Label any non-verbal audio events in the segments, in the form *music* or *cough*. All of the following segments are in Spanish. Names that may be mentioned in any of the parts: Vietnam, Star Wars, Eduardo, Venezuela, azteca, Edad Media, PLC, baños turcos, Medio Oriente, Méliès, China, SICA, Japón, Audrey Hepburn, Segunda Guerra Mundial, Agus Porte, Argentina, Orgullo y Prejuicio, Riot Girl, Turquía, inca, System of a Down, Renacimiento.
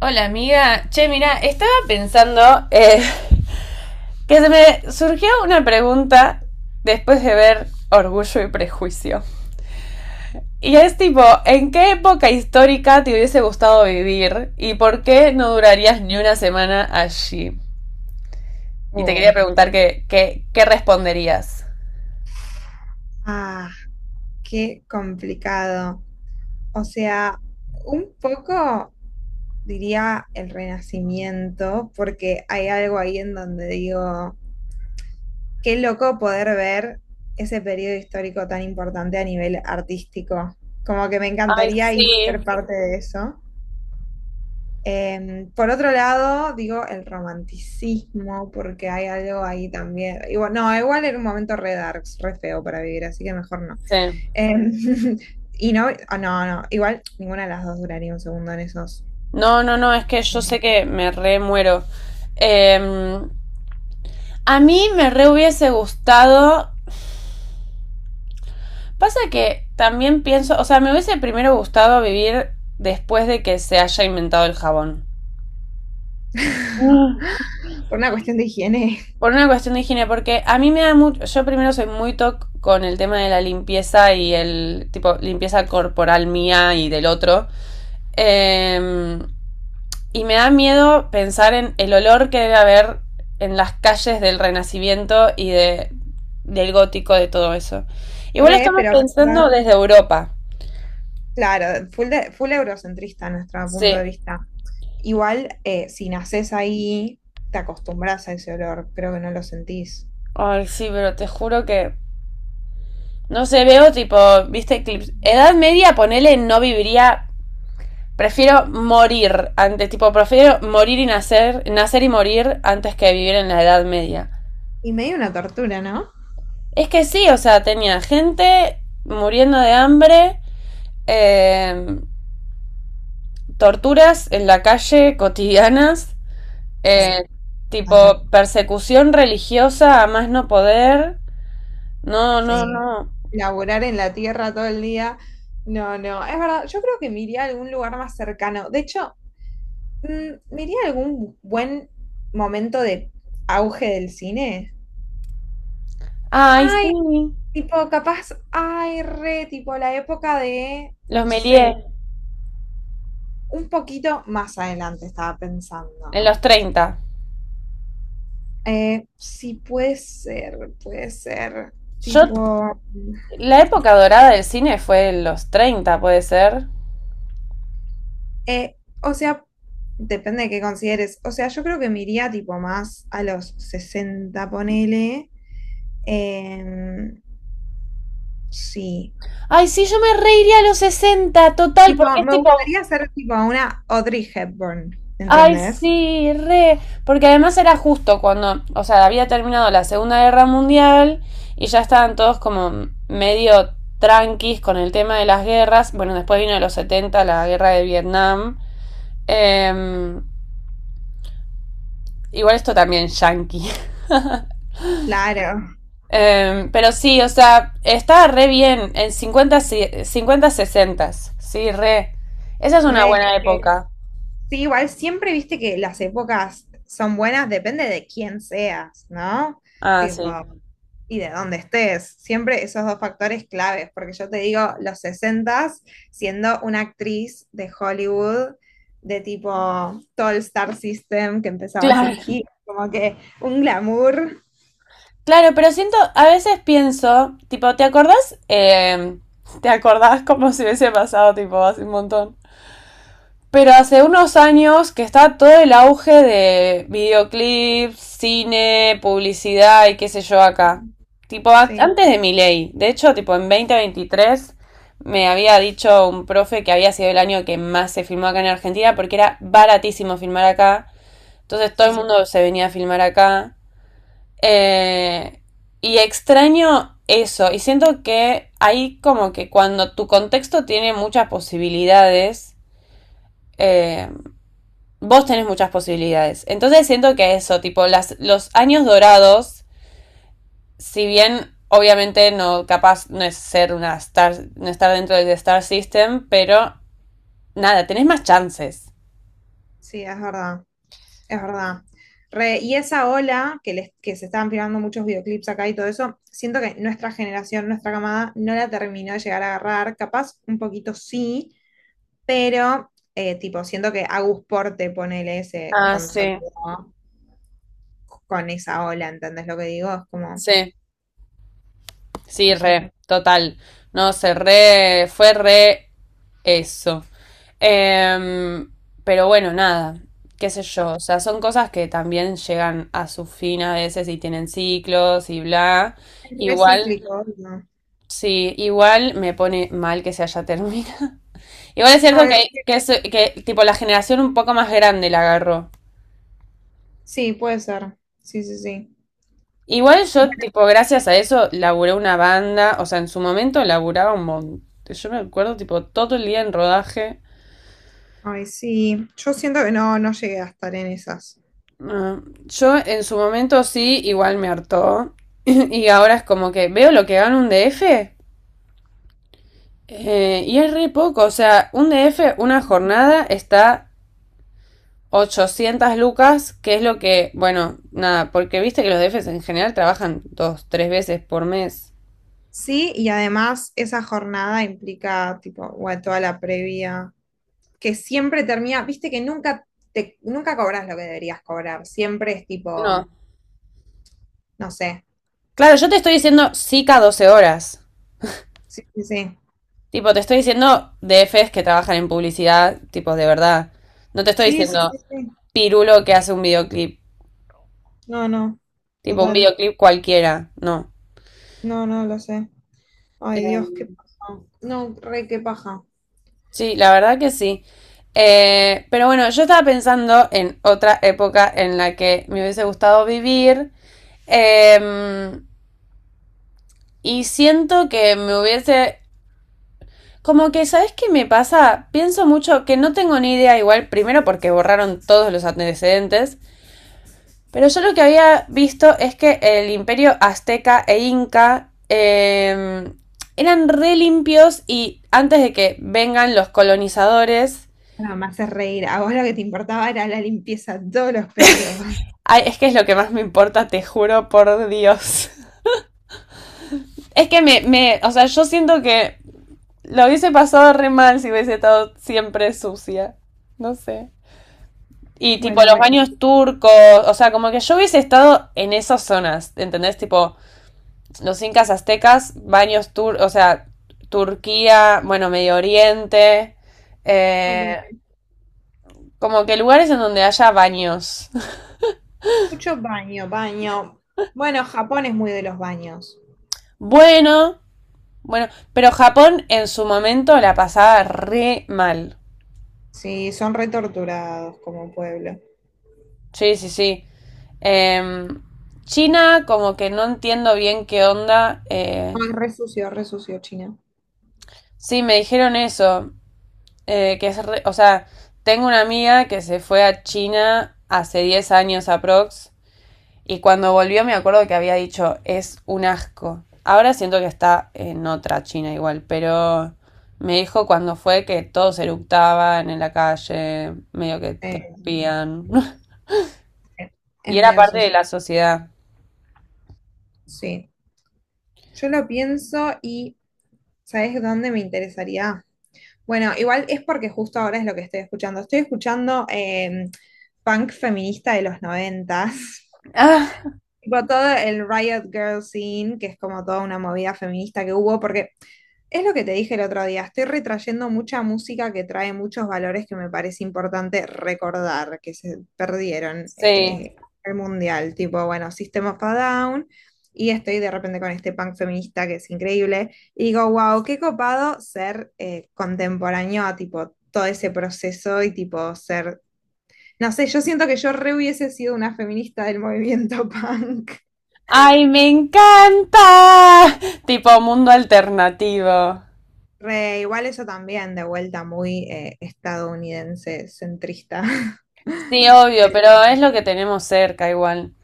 Hola amiga, che, mira, estaba pensando que se me surgió una pregunta después de ver Orgullo y Prejuicio. Y es tipo, ¿en qué época histórica te hubiese gustado vivir y por qué no durarías ni una semana allí? Y te quería Uy, preguntar qué responderías. ah, qué complicado. O sea, un poco diría el Renacimiento, porque hay algo ahí en donde digo, qué loco poder ver ese periodo histórico tan importante a nivel artístico. Como que me Ay, encantaría ir a ser sí, parte de eso. Por otro lado, digo el romanticismo, porque hay algo ahí también. Igual, no, igual era un momento re darks, re feo para vivir, así que mejor no. sí. Em, *laughs* y no, no, no, igual ninguna de las dos duraría un segundo en esos. No, no, no, es que yo sé que me re muero. Em, a mí me re hubiese gustado. Pasa que también pienso, o sea, me hubiese primero gustado vivir después de que se haya inventado el jabón. *laughs* Por una cuestión de higiene. Por una cuestión de higiene, porque a mí me da mucho, yo primero soy muy toc con el tema de la limpieza y el tipo limpieza corporal mía y del otro. Eh, y me da miedo pensar en el olor que debe haber en las calles del Renacimiento del gótico, de todo eso. *laughs* Igual lo Re, estamos pero pensando pensá, desde Europa. claro, full, full eurocentrista nuestro punto Sí. de vista. Igual, si nacés ahí, te acostumbras a ese olor, creo que no lo sentís. Ay, sí, pero te juro que. No sé, veo tipo, viste clips. Edad media, ponele, no viviría. Prefiero morir antes, tipo, prefiero morir y nacer, nacer y morir antes que vivir en la Edad Media. Y medio una tortura, ¿no? Es que sí, o sea, tenía gente muriendo de hambre, eh, torturas en la calle cotidianas, Sí, eh, total, tipo persecución religiosa a más no poder. No, no, sí. no. Laborar en la tierra todo el día. No, no, es verdad, yo creo que me iría a algún lugar más cercano. De hecho, me iría a algún buen momento de auge del cine. Ay, Ay, sí, tipo, capaz, ay, re, tipo, la época de, los no Méliès. sé, un poquito más adelante estaba En pensando. los 30. Sí, puede ser, Yo, tipo, la época dorada del cine fue en los 30, puede ser. O sea, depende de qué consideres. O sea, yo creo que me iría, tipo, más a los 60 ponele. Em, sí. Ay, sí, yo me reiría a los 60, total, Tipo, porque es me tipo. gustaría ser tipo una Audrey Hepburn, Ay, ¿entendés? sí, re. Porque además era justo cuando. O sea, había terminado la Segunda Guerra Mundial y ya estaban todos como medio tranquis con el tema de las guerras. Bueno, después vino de los 70, la guerra de Vietnam. Em, Igual esto también yankee. Claro. Pero sí, o sea, estaba re bien en cincuenta si, 50 50, sí, re. Esa es una buena Re- época. Sí, igual siempre viste que las épocas son buenas, depende de quién seas, ¿no? Ah, Tipo, sí. y de dónde estés. Siempre esos dos factores claves, porque yo te digo, los 60s siendo una actriz de Hollywood, de tipo todo el Star System que empezaba a Claro. surgir, como que un glamour. Claro, pero siento, a veces pienso, tipo, ¿te acordás? ¿Te acordás como si hubiese pasado, tipo, hace un montón? Pero hace unos años que está todo el auge de videoclips, cine, publicidad y qué sé yo acá. Tipo, Sí, antes de mi ley. De hecho, tipo, en 2023 me había dicho un profe que había sido el año que más se filmó acá en Argentina porque era baratísimo filmar acá. Entonces todo el sí, mundo se venía a filmar acá. Eh, y extraño eso. Y siento que ahí como que cuando tu contexto tiene muchas posibilidades, eh, vos tenés muchas posibilidades. Entonces siento que eso, tipo, las, los años dorados, si bien obviamente no, capaz no es ser una star, no estar dentro del Star System, pero nada, tenés más chances. sí, es verdad. Es verdad. Re, y esa ola que, les, que se estaban filmando muchos videoclips acá y todo eso, siento que nuestra generación, nuestra camada, no la terminó de llegar a agarrar. Capaz un poquito sí, pero tipo, siento que Agus Porte, ponele, se Ah, sí. consolidó con esa ola, ¿entendés lo que digo? Es como, Sí, sí, no sé, re, total. No sé, re, fue re eso. Em, pero bueno, nada, qué sé yo, o sea, son cosas que también llegan a su fin a veces y tienen ciclos y bla. es re Igual, cíclico, ¿no? sí, igual me pone mal que se haya terminado. *laughs* Igual es cierto Ay, que, que tipo la generación un poco más grande la agarró. sí, puede ser. Sí, sí, sí. Igual yo, tipo, gracias a eso, laburé una banda, o sea, en su momento laburaba un montón. Yo me acuerdo, tipo, todo el día en rodaje. Ay, sí. Yo siento que no, no llegué a estar en esas. Ah, yo en su momento sí, igual me hartó. *clears throat* *laughs* Y ahora es como que veo lo que gana un DF, y es re poco, o sea, un DF, una jornada está 800 lucas, que es lo que, bueno, nada, porque viste que los DFs en general trabajan dos, tres veces por mes. Sí, y además esa jornada implica, tipo, bueno, toda la previa, que siempre termina, viste que nunca te, nunca cobras lo que deberías cobrar, siempre es tipo, No. no sé. Claro, yo te estoy diciendo SICA 12 horas. Sí, sí, sí. Tipo, te estoy diciendo DFs que trabajan en publicidad, tipo, de verdad. No te estoy Sí, sí, diciendo sí, sí. pirulo que hace un videoclip. No, no, Tipo, un total. videoclip cualquiera. No. No, no, lo sé. Ay, Dios, qué Em, paja. No, re, qué paja. sí, la verdad que sí. Pero bueno, yo estaba pensando en otra época en la que me hubiese gustado vivir. Em, Y siento que me hubiese... Como que, ¿sabes qué me pasa? Pienso mucho que no tengo ni idea igual, primero porque borraron todos los antecedentes, pero yo lo que había visto es que el imperio azteca e inca eran re limpios y antes de que vengan los colonizadores, Nada más es reír. A vos lo que te importaba era la limpieza todos los periodos. ay, es que es lo que más me importa, te juro por Dios. *laughs* Es que o sea, yo siento que lo hubiese pasado re mal si hubiese estado siempre sucia. No sé. Y tipo Bueno, los mes. baños turcos, o sea, como que yo hubiese estado en esas zonas, ¿entendés? Tipo los incas aztecas, baños turcos, o sea, Turquía, bueno, Medio Oriente, eh, Ok. como que lugares en donde haya baños. *laughs* Mucho baño, baño. Bueno, Japón es muy de los baños. Bueno, bueno, pero Japón en su momento la pasaba re mal. Sí, son retorturados como pueblo. Sí, sí, sí. Em, China, como que no entiendo bien qué onda. No, es re sucio China. Sí, me dijeron eso. Que O sea, tengo una amiga que se fue a China hace 10 años aprox y cuando volvió me acuerdo que había dicho, es un asco. Ahora siento que está en otra China igual, pero me dijo cuando fue que todos eructaban en la calle, medio que te Eh, espían. *laughs* eh, Y es era medio parte de sucio. la sociedad. Sí. Yo lo pienso y ¿sabes dónde me interesaría? Bueno, igual es porque justo ahora es lo que estoy escuchando. Estoy escuchando punk feminista de los 90s. *laughs* Ah, Tipo todo el Riot Girl scene, que es como toda una movida feminista que hubo, porque es lo que te dije el otro día, estoy retrayendo mucha música que trae muchos valores que me parece importante recordar, que se perdieron sí. El mundial, tipo, bueno, System of a Down, y estoy de repente con este punk feminista que es increíble, y digo, wow, qué copado ser contemporáneo a tipo todo ese proceso y tipo ser, no sé, yo siento que yo re hubiese sido una feminista del movimiento *laughs* punk. ¡Ay, me encanta! Tipo mundo alternativo. Re, igual eso también, de vuelta muy estadounidense, centrista. Sí, *laughs* obvio, Pero pero es lo que tenemos cerca igual.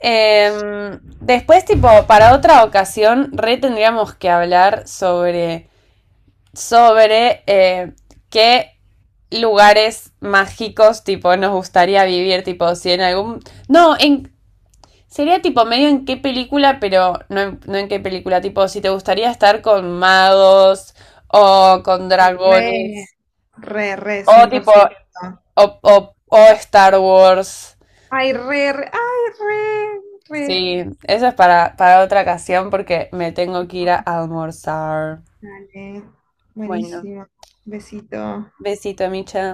Después, tipo, para otra ocasión, re tendríamos que hablar sobre, sobre eh, qué lugares mágicos, tipo, nos gustaría vivir, tipo, si en algún... No, en... Sería tipo medio en qué película, pero no en, no en qué película, tipo, si te gustaría estar con magos o con re, dragones re, re, o cien por tipo, ciento o Star Wars. Ay, re, re, ay, re, re. Sí, eso es para otra ocasión porque me tengo que ir a almorzar. Dale, Bueno, buenísimo. Besito. besito, Micha.